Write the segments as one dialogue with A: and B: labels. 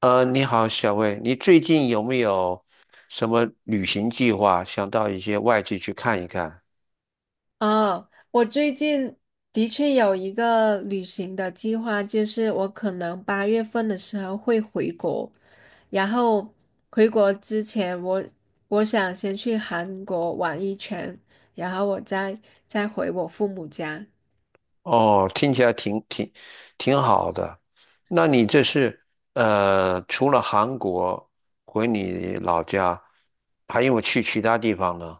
A: 你好，小魏，你最近有没有什么旅行计划？想到一些外地去看一看？
B: 哦，我最近的确有一个旅行的计划，就是我可能八月份的时候会回国，然后回国之前我想先去韩国玩一圈，然后我再回我父母家。
A: 哦，听起来挺好的。那你这是除了韩国回你老家，还有没有去其他地方呢？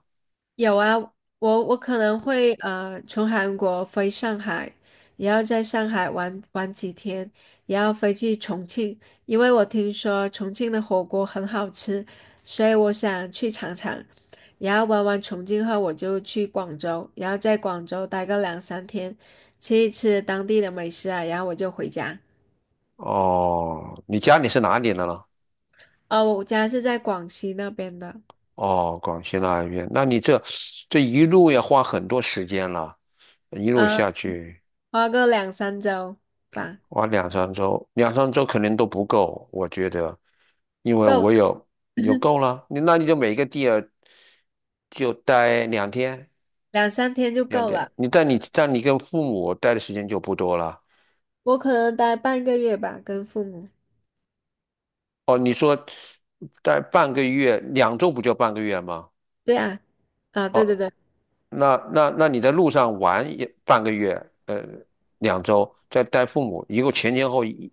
B: 有啊，我可能会从韩国飞上海，也要在上海玩玩几天，也要飞去重庆，因为我听说重庆的火锅很好吃，所以我想去尝尝。然后玩完重庆后，我就去广州，然后在广州待个两三天，吃一吃当地的美食啊，然后我就回家。
A: 哦，你家里是哪里的呢？
B: 我家是在广西那边的，
A: 哦，广西那一边。那你这一路要花很多时间了，一路
B: 呃，
A: 下去。
B: 花个两三周吧，
A: 哇，两三周，两三周肯定都不够，我觉得，因为我
B: 够
A: 有你就够了，你每个地儿就待两天，
B: 两三天就
A: 两
B: 够
A: 天，
B: 了。
A: 你但你但你跟父母待的时间就不多了。
B: 我可能待半个月吧，跟父母。
A: 哦，你说待半个月，两周不就半个月吗？
B: 对啊，啊，对对
A: 哦，
B: 对，
A: 那你在路上玩也半个月，两周，再带父母，一共前前后一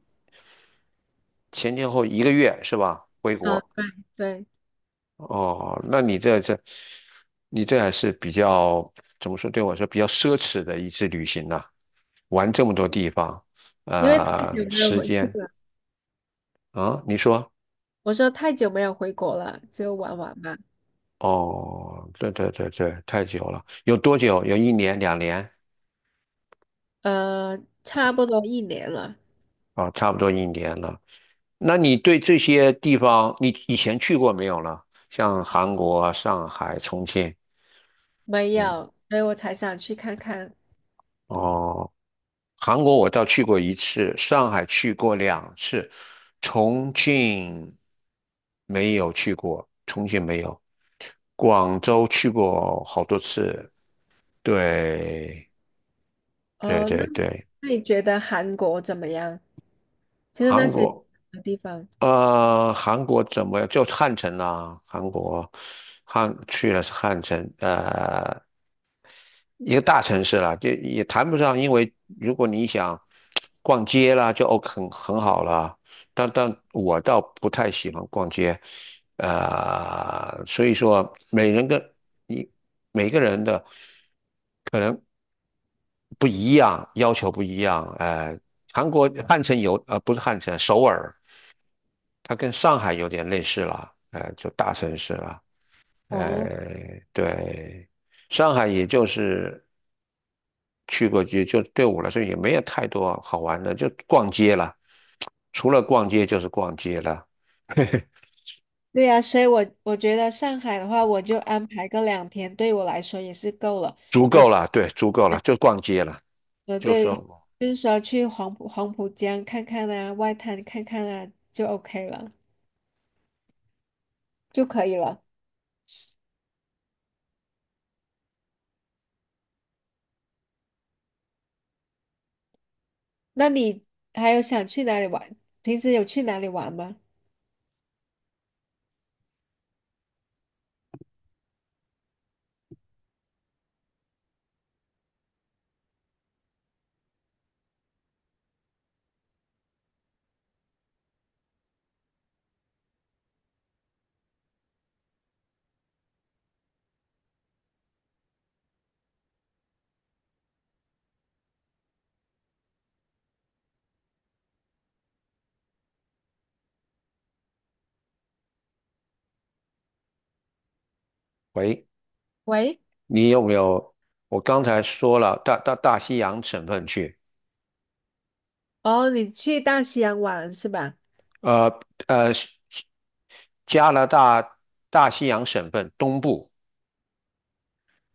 A: 前前后一个月是吧？回
B: 啊，
A: 国。
B: 对对，
A: 哦，那你这这，你这还是比较怎么说？对我来说比较奢侈的一次旅行呐、玩这么多地方，
B: 因为太久没有
A: 时
B: 回去
A: 间
B: 了。
A: 啊，你说？
B: 我说太久没有回国了，就玩玩嘛。
A: 哦，对对对对，太久了，有多久？有一年、两年
B: 差不多一年了，
A: 啊，差不多一年了。那你对这些地方，你以前去过没有呢？像韩国啊上海、重庆，
B: 没
A: 嗯，
B: 有，所以我才想去看看。
A: 哦。韩国我倒去过一次，上海去过两次，重庆没有去过，重庆没有，广州去过好多次。对，对
B: 哦，那
A: 对
B: 你
A: 对，
B: 那你觉得韩国怎么样？就是那
A: 韩
B: 些
A: 国，
B: 地方。
A: 韩国怎么样？就汉城啦、啊，韩国汉去了是汉城，一个大城市啦，就也谈不上，因为如果你想逛街啦，就 OK 很好啦。但我倒不太喜欢逛街，所以说你每个人的可能不一样，要求不一样。韩国汉城有，不是汉城，首尔，它跟上海有点类似了，就大城市了，
B: 哦，
A: 对。上海也就是去过街，就对我来说也没有太多好玩的，就逛街了。除了逛街就是逛街了，
B: 对呀，所以我觉得上海的话，我就安排个两天，对我来说也是够了。
A: 足
B: 我。
A: 够了，对，足够了，就逛街了。就
B: 对，
A: 说，
B: 就是说去黄浦江看看啊，外滩看看啊，就 OK 了，就可以了。那你还有想去哪里玩？平时有去哪里玩吗？
A: 喂，
B: 喂，
A: 你有没有？我刚才说了，到大西洋省份去，
B: 哦，你去大西洋玩是吧？
A: 呃呃，加拿大大西洋省份东部，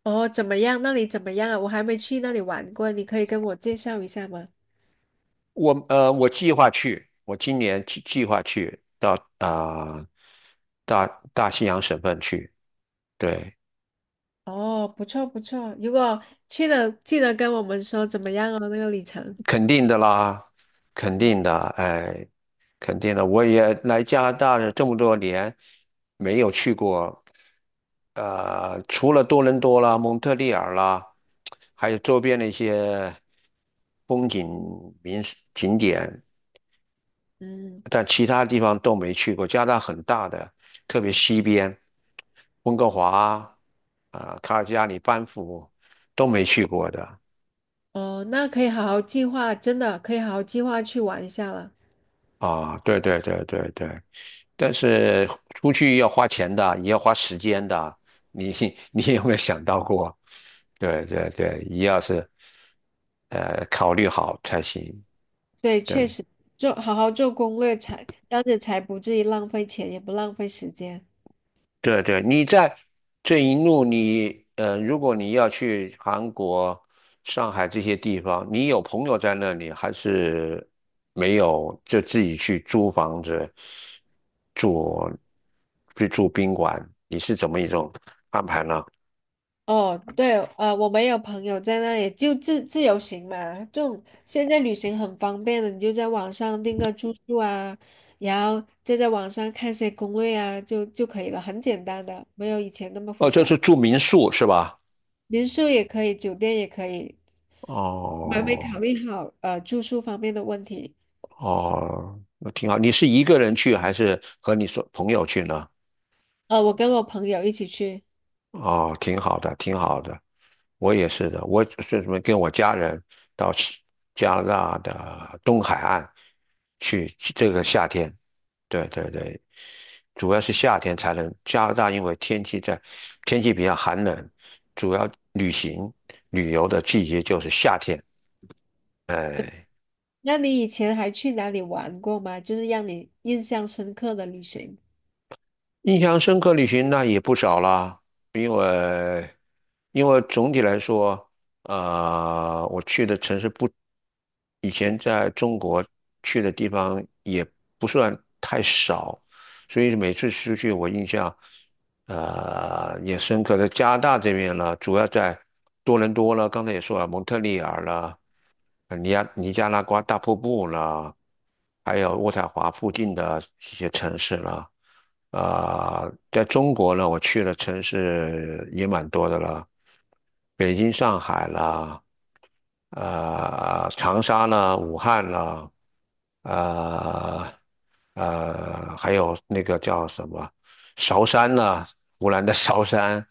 B: 哦，怎么样？那里怎么样啊？我还没去那里玩过，你可以跟我介绍一下吗？
A: 我计划去，我今年计划去到啊、呃大大西洋省份去，对。
B: 哦，不错不错，如果去了，记得跟我们说怎么样哦，那个里程。
A: 肯定的啦，肯定的，哎，肯定的。我也来加拿大这么多年，没有去过，除了多伦多啦、蒙特利尔啦，还有周边的一些风景名胜景点，
B: 嗯，
A: 但其他地方都没去过。加拿大很大的，特别西边，温哥华啊、卡尔加里、班夫都没去过的
B: 哦，那可以好好计划，真的可以好好计划去玩一下了。
A: 啊。对对对对对。但是出去要花钱的，也要花时间的。你 你有没有想到过？对对对，一要是考虑好才行。
B: 对，确
A: 对
B: 实，做好好做攻略才，这样子才不至于浪费钱，也不浪费时间。
A: 对对，你在这一路你如果你要去韩国、上海这些地方，你有朋友在那里，还是没有？就自己去租房子住，去住宾馆，你是怎么一种安排呢？
B: 哦，对，我们有朋友在那里就自由行嘛，这种现在旅行很方便的，你就在网上订个住宿啊，然后再在网上看些攻略啊，就可以了，很简单的，没有以前那么
A: 哦，
B: 复
A: 就
B: 杂。
A: 是住民宿是吧？
B: 民宿也可以，酒店也可以，还没考
A: 哦
B: 虑好住宿方面的问题。
A: 哦，那挺好。你是一个人去还是和你说朋友去呢？
B: 我跟我朋友一起去。
A: 哦，挺好的，挺好的。我也是的，我是什么跟我家人到是加拿大的东海岸去，去这个夏天。对对对，主要是夏天才能。加拿大因为天气比较寒冷，主要旅游的季节就是夏天。哎。
B: 那你以前还去哪里玩过吗？就是让你印象深刻的旅行。
A: 印象深刻旅行那也不少啦，因为因为总体来说，我去的城市不，以前在中国去的地方也不算太少，所以每次出去我印象，也深刻。在加拿大这边了，主要在多伦多了，刚才也说了，蒙特利尔了，尼亚尼加拉瓜大瀑布啦，还有渥太华附近的一些城市啦。啊、在中国呢，我去的城市也蛮多的了，北京、上海啦，长沙啦，武汉啦，呃还有那个叫什么韶山啦，湖南的韶山，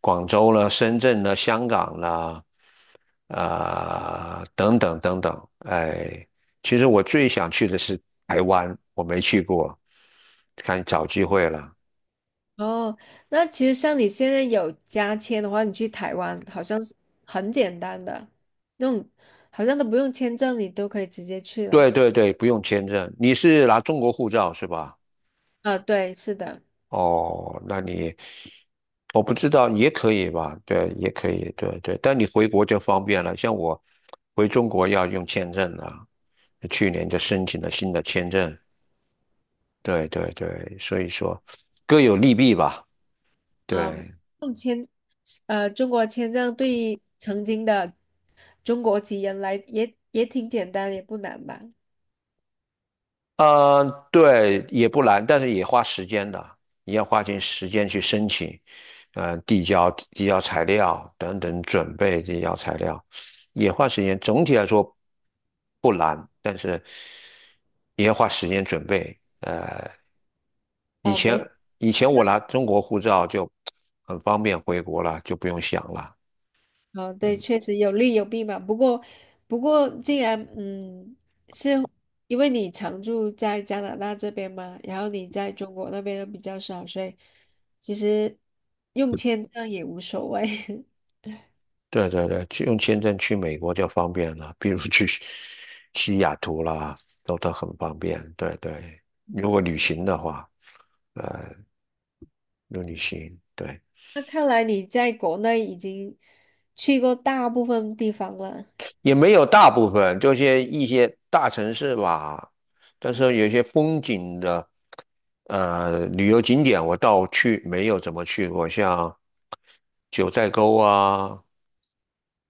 A: 广州啦，深圳啦，香港啦。啊、等等等等，哎，其实我最想去的是台湾，我没去过，看找机会了。
B: 哦，那其实像你现在有加签的话，你去台湾好像是很简单的，那种好像都不用签证，你都可以直接去了。
A: 对对对，不用签证，你是拿中国护照是吧？
B: 啊，对，是的，
A: 哦，那你我不知道也可以吧？对，也可以，对对。但你回国就方便了，像我回中国要用签证了，去年就申请了新的签证。对对对，所以说各有利弊吧。
B: 啊，
A: 对，
B: 用签，中国签证对于曾经的中国籍人来也挺简单，也不难吧？
A: 嗯，对，也不难，但是也花时间的，你要花点时间去申请，嗯，递交材料等等，准备递交材料，也花时间。总体来说不难，但是也要花时间准备。以
B: 啊，
A: 前
B: 没。
A: 以前我拿中国护照就很方便回国了，就不用想了。
B: 哦，对，
A: 嗯。
B: 确实有利有弊嘛。不过，不过，既然是因为你常住在加拿大这边嘛，然后你在中国那边又比较少，所以其实用签证也无所谓。
A: 对对对，去用签证去美国就方便了，比如 去西雅图啦，都很方便。对对，如果旅行的话，如果旅行，对，
B: 那看来你在国内已经去过大部分地方了，
A: 也没有大部分，就是一些大城市吧。但是有些风景的旅游景点，我倒去没有怎么去过，像九寨沟啊，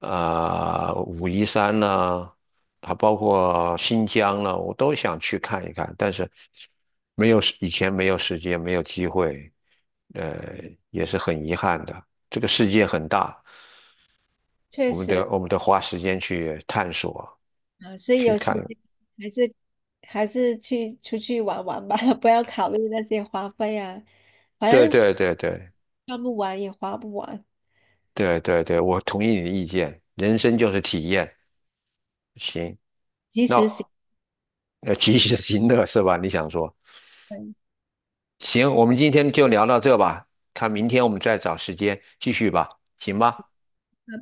A: 啊、武夷山呢，还包括新疆呢，我都想去看一看，但是没有时以前没有时间，没有机会，呃，也是很遗憾的。这个世界很大，
B: 确实
A: 我们得花时间去探索，
B: 啊，所以
A: 去
B: 有时
A: 看。
B: 间还是还是去出去玩玩吧，不要考虑那些花费啊，反
A: 对
B: 正
A: 对对对
B: 看不完也花不完，
A: 对对对，我同意你的意见，人生就是体验。行，
B: 及
A: 那
B: 时行。
A: 及时行乐是吧？你想说？
B: 拜
A: 行，我们今天就聊到这吧，看明天我们再找时间继续吧，行吧？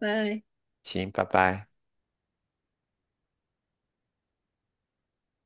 B: 拜。
A: 行，拜拜。